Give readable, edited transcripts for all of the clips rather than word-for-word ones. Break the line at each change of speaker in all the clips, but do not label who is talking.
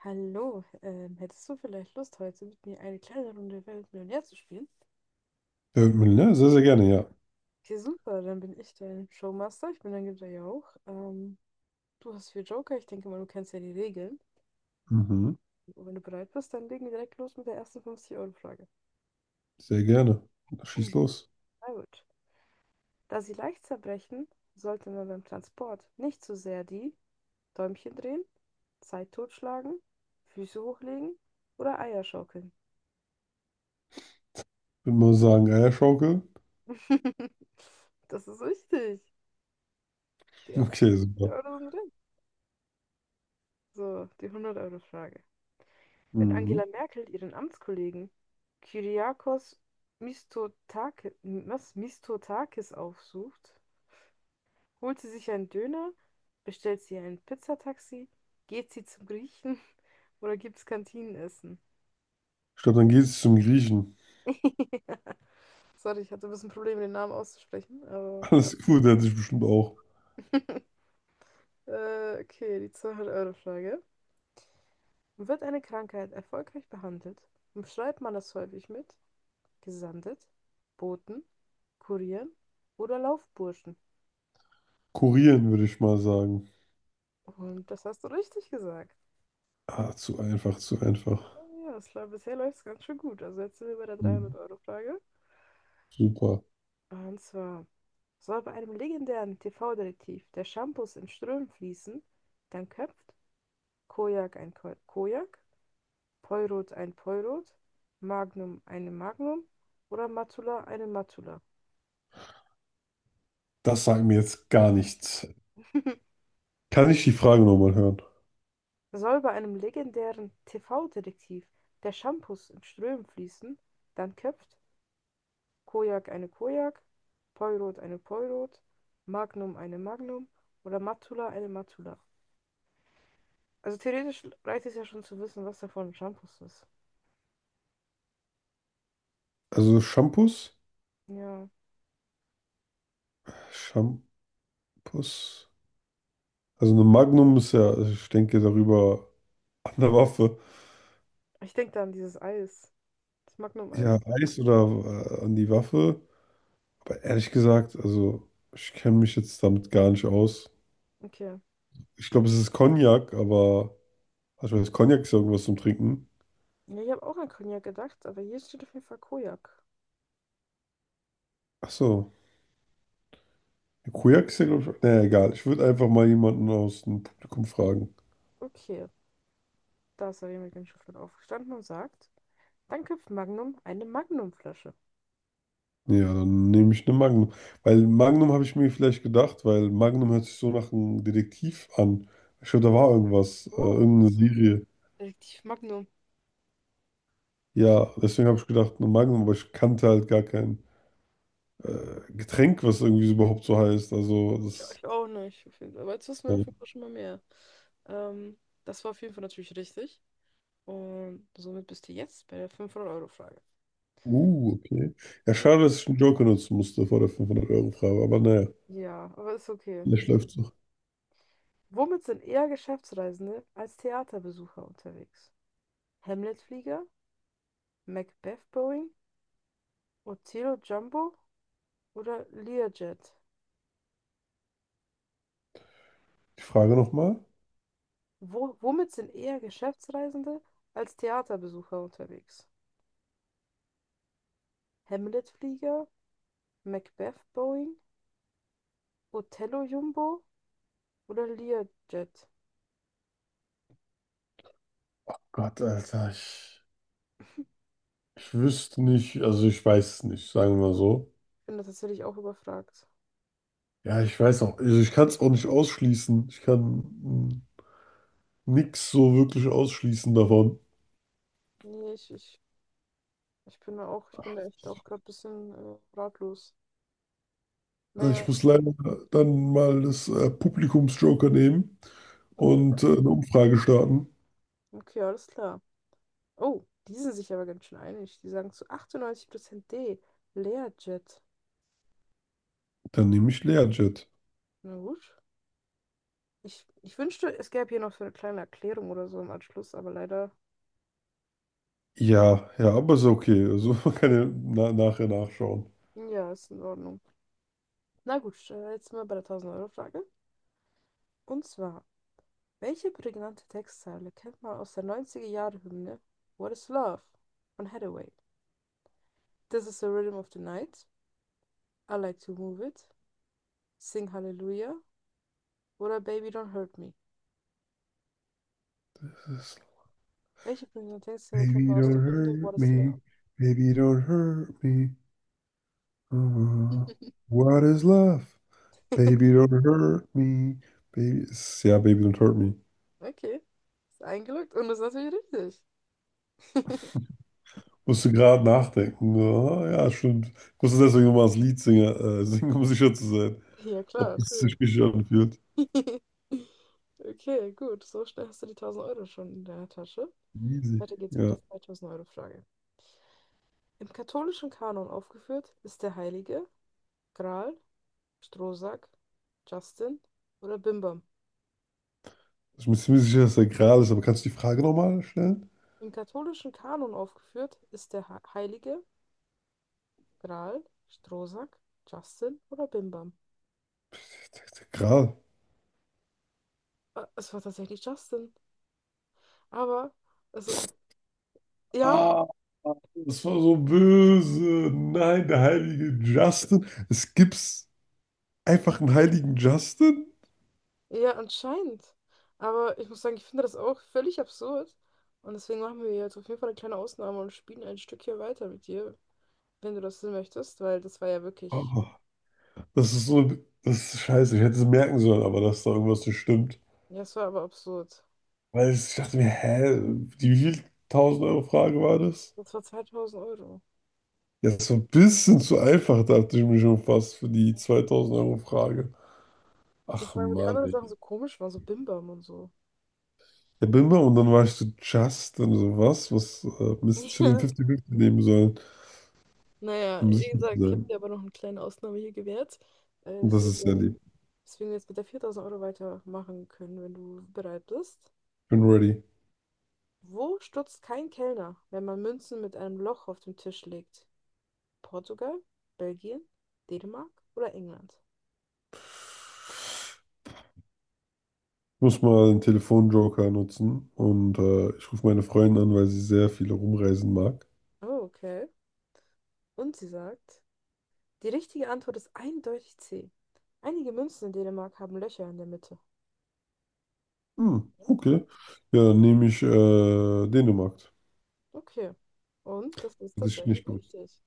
Hallo, hättest du vielleicht Lust, heute mit mir eine kleine Runde Wer wird Millionär zu spielen?
Äh, ja, sehr sehr gerne, ja.
Okay, super, dann bin ich dein Showmaster. Ich bin dein Gitter ja auch. Du hast vier Joker, ich denke mal, du kennst ja die Regeln.
Mhm.
Und wenn du bereit bist, dann legen wir direkt los mit der ersten 50-Euro-Frage.
Sehr gerne. Schieß los.
Na gut. Da sie leicht zerbrechen, sollte man beim Transport nicht zu sehr die Däumchen drehen, Zeit totschlagen, Füße hochlegen oder Eier schaukeln.
Würde mal sagen, Eierschaukel.
Das ist richtig. Die ersten
Okay,
50
super.
Euro sind. So, die 100 Euro Frage. Wenn
Mhm.
Angela Merkel ihren Amtskollegen Kyriakos Mitsotakis aufsucht, holt sie sich einen Döner, bestellt sie ein Pizzataxi, geht sie zum Griechen oder gibt's Kantinenessen?
Ich glaube, dann geht es zum Griechen.
Sorry, ich hatte ein bisschen Probleme, den Namen auszusprechen, aber
Alles gut, der hat sich bestimmt auch
okay, die 200 Euro Frage. Wird eine Krankheit erfolgreich behandelt, umschreibt man das häufig mit Gesandet, Boten, Kurieren oder Laufburschen.
kurieren, würde ich mal sagen.
Und das hast du richtig gesagt.
Ah, zu einfach, zu
Ja,
einfach.
bisher läuft es ganz schön gut. Also jetzt sind wir bei der
Mhm.
300-Euro-Frage.
Super.
Und zwar soll bei einem legendären TV-Detektiv der Shampoos in Strömen fließen, dann köpft Kojak ein Ko Kojak, Poirot ein Poirot, Magnum eine Magnum oder Matula eine Matula.
Das sagt mir jetzt gar nichts. Kann ich die Frage nochmal hören?
Soll bei einem legendären TV-Detektiv der Shampoos in Strömen fließen, dann köpft Kojak eine Kojak, Poirot eine Poirot, Magnum eine Magnum oder Matula eine Matula. Also theoretisch reicht es ja schon zu wissen, was davon ein Shampoos ist.
Also Shampoos?
Ja,
Shampoos? Also eine Magnum ist ja, ich denke darüber an der Waffe.
ich denke da an dieses Eis, das Magnum-Eis.
Ja, Eis oder an die Waffe. Aber ehrlich gesagt, also ich kenne mich jetzt damit gar nicht aus.
Okay.
Ich glaube, es ist Cognac, aber also ich weiß, Cognac ist ja irgendwas zum Trinken.
Ja, ich habe auch an Cognac gedacht, aber hier steht auf jeden Fall Kojak.
Ach so, Cognac ist ja, glaube ich. Naja, egal. Ich würde einfach mal jemanden aus dem Publikum fragen.
Okay, da ist er mit dem Schiffler aufgestanden und sagt, dann köpft Magnum eine Magnumflasche.
Ja, dann nehme ich eine Magnum. Weil Magnum habe ich mir vielleicht gedacht, weil Magnum hört sich so nach einem Detektiv an. Ich glaube, da war irgendwas,
Oh,
irgendeine Serie.
Detektiv Magnum.
Ja, deswegen habe ich gedacht, eine Magnum, aber ich kannte halt gar kein Getränk, was irgendwie so überhaupt so heißt. Also
Ich,
das.
ich auch nicht. Auf jeden Fall. Aber jetzt wissen wir auf
Ja.
jeden Fall schon mal mehr. Ähm, das war auf jeden Fall natürlich richtig. Und somit bist du jetzt bei der 500 Euro Frage.
Okay. Ja, schade, dass ich einen Joker nutzen musste vor der 500-Euro-Frage, aber naja,
Ja, aber ist okay.
vielleicht läuft's noch.
Womit sind eher Geschäftsreisende als Theaterbesucher unterwegs? Hamlet-Flieger, Macbeth-Boeing, Otelo Jumbo oder Learjet?
Die Frage nochmal.
Womit sind eher Geschäftsreisende als Theaterbesucher unterwegs? Hamlet-Flieger, Macbeth-Boeing, Otello Jumbo oder Learjet?
Gott, Alter, ich wüsste nicht, also ich weiß es nicht, sagen wir mal so.
Ich bin da tatsächlich auch überfragt.
Ja, ich weiß auch, also ich kann es auch nicht ausschließen. Ich kann nichts so wirklich ausschließen davon.
Nee, ich bin da auch, ich bin da echt auch gerade ein bisschen ratlos.
Ich
Naja,
muss leider dann mal das Publikumsjoker nehmen
okay.
und eine Umfrage starten.
Okay, alles klar. Oh, die sind sich aber ganz schön einig. Die sagen zu 98% D. Learjet.
Dann nehme ich Learjet.
Na gut. Ich wünschte, es gäbe hier noch so eine kleine Erklärung oder so im Anschluss, aber leider,
Ja, ja, aber ist okay. Also man kann ja na nachher nachschauen.
ja, ist in Ordnung. Na gut, jetzt sind wir bei der 1000-Euro-Frage. Und zwar, welche prägnante Textzeile kennt man aus der 90er Jahre Hymne What is Love von Hathaway? This is the rhythm of the night, I like to move it, Sing Hallelujah oder Baby Don't Hurt Me? Welche prägnante Textzeile kennt
Baby,
man aus
don't
der Hymne What
hurt
is Love?
me. Baby, don't hurt me. Uh, what is love? Baby, don't hurt me. Baby, ist- ja, Baby, don't hurt me.
Okay, ist eingeloggt und ist natürlich richtig.
Musste gerade nachdenken. Ah, ja, stimmt. Ich musste deswegen nochmal das Lied singen, singen, um sicher zu sein,
Ja, klar,
ob es
natürlich.
sich richtig anfühlt.
Okay, gut, so schnell hast du die 1.000 Euro schon in deiner Tasche.
Easy.
Weiter geht's mit
Ja.
der 2.000 Euro Frage. Im katholischen Kanon aufgeführt ist der Heilige Gral, Strohsack, Justin oder Bimbam.
Ich bin mir ziemlich sicher, dass der Gral ist, aber kannst du die Frage nochmal stellen?
Im katholischen Kanon aufgeführt ist der Heilige Gral, Strohsack, Justin oder Bimbam.
Der Gral.
Es war tatsächlich Justin. Aber, also, ja,
Ah, das war so böse. Nein, der heilige Justin. Es gibt's. Einfach einen heiligen Justin?
ja, anscheinend. Aber ich muss sagen, ich finde das auch völlig absurd. Und deswegen machen wir jetzt auf jeden Fall eine kleine Ausnahme und spielen ein Stückchen weiter mit dir, wenn du das denn möchtest, weil das war ja wirklich,
Oh, das ist so, das ist scheiße. Ich hätte es merken sollen, aber dass da irgendwas nicht stimmt.
ja, es war aber absurd.
Weil ich dachte mir, hä, die wie viel 1000-Euro Frage war das?
Das war 2.000 Euro.
Ja, das war ein bisschen zu einfach, dachte ich mir schon fast für die 2000-Euro Frage.
Ja,
Ach
vor allem, weil die
Mann,
anderen
ey.
Sachen so komisch waren, so Bimbam und so.
Ja, bin mal und dann war ich so Justin, so was, was Mist, ich hätte den
Ja.
50-50 nehmen sollen,
Naja,
um
wie
sicher zu
gesagt, ich habe
sein.
dir aber noch eine kleine Ausnahme hier gewährt. Äh,
Und das
deswegen,
ist ja lieb.
deswegen jetzt mit der 4.000 Euro weitermachen können, wenn du bereit bist.
Ich bin ready.
Wo stutzt kein Kellner, wenn man Münzen mit einem Loch auf den Tisch legt? Portugal, Belgien, Dänemark oder England?
Muss mal den Telefonjoker nutzen und ich rufe meine Freundin an, weil sie sehr viel rumreisen mag.
Oh, okay. Und sie sagt, die richtige Antwort ist eindeutig C. Einige Münzen in Dänemark haben Löcher in der Mitte.
Hm,
Mhm.
okay. Ja, dann nehme ich Dänemark.
Okay. Und das ist
Hätte ich
tatsächlich
nicht gewusst.
richtig.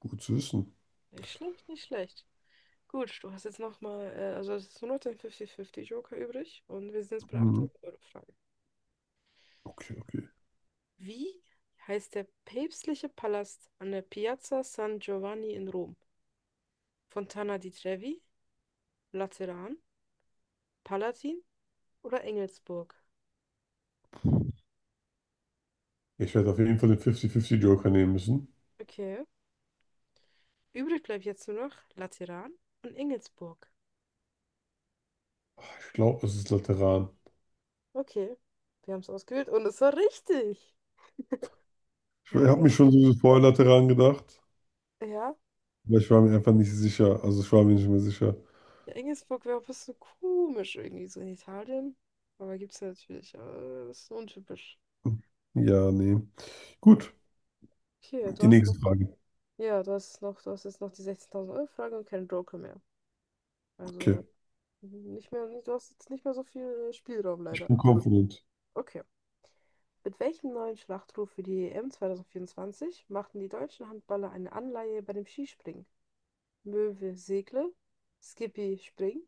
Gut zu wissen.
Nicht schlecht, nicht schlecht. Gut, du hast jetzt nochmal, also es ist nur noch dein 50-50 Joker übrig und wir sind jetzt bei der
Hm,
800-Euro-Frage.
okay, okay.
Wie heißt der päpstliche Palast an der Piazza San Giovanni in Rom? Fontana di Trevi, Lateran, Palatin oder Engelsburg?
Ich werde auf jeden Fall den 50-50-Joker nehmen müssen.
Okay. Übrig bleibt jetzt nur noch Lateran und Engelsburg.
Ah, ich glaube, es ist Lateran.
Okay, wir haben es ausgewählt und es war richtig.
Ich
Ja,
habe mich schon so vorher Lateran gedacht,
ja.
aber ich war mir einfach nicht sicher. Also ich war mir nicht mehr sicher.
Ja, Engelsburg wäre auch ein bisschen komisch irgendwie so in Italien. Aber gibt's ja natürlich. Aber das ist untypisch.
Ja, nee. Gut,
Okay, du
die
hast noch,
nächste Frage.
ja, du hast jetzt noch die 16.000-Euro-Frage und keinen Joker mehr.
Okay.
Also nicht mehr, du hast jetzt nicht mehr so viel Spielraum
Ich
leider.
bin confident.
Okay. Mit welchem neuen Schlachtruf für die EM 2024 machten die deutschen Handballer eine Anleihe bei dem Skispringen? Möwe segle, Skippy spring,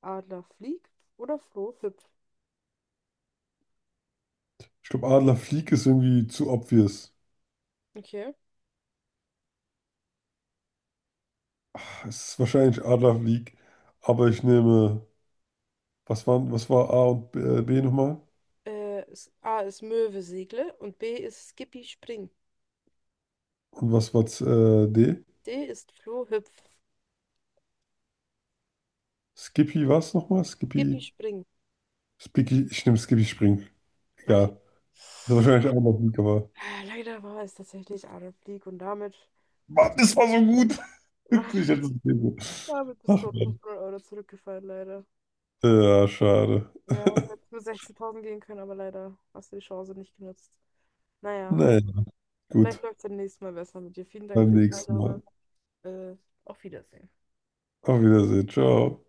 Adler flieg oder Froh hüpf?
Ich glaube, Adlerflieg ist irgendwie zu obvious.
Okay.
Es ist wahrscheinlich Adler League, aber ich nehme, was waren, was war A und B, B nochmal?
A ist Möwe segle und B ist Skippy Spring.
Und was war D?
D ist Floh hüpf.
Skippy was nochmal?
Skippy
Skippy,
Spring.
Spicky, ich nehme Skippy Spring.
Okay.
Egal. Das ist wahrscheinlich Adler League, aber.
Ah, leider war es tatsächlich Adolf Blick und damit
Mann,
bist du,
das war so gut. Ich hätte es gelesen.
damit bist
Ach
du auf
Mann.
500 Euro zurückgefallen, leider.
Ja, schade.
Ja, du hättest nur 16.000 gehen können, aber leider hast du die Chance nicht genutzt. Naja,
Naja,
vielleicht
gut.
läuft es beim nächsten Mal besser mit dir. Vielen Dank
Beim
für die
nächsten
Teilnahme.
Mal.
Äh, auf Wiedersehen.
Auf Wiedersehen. Ciao.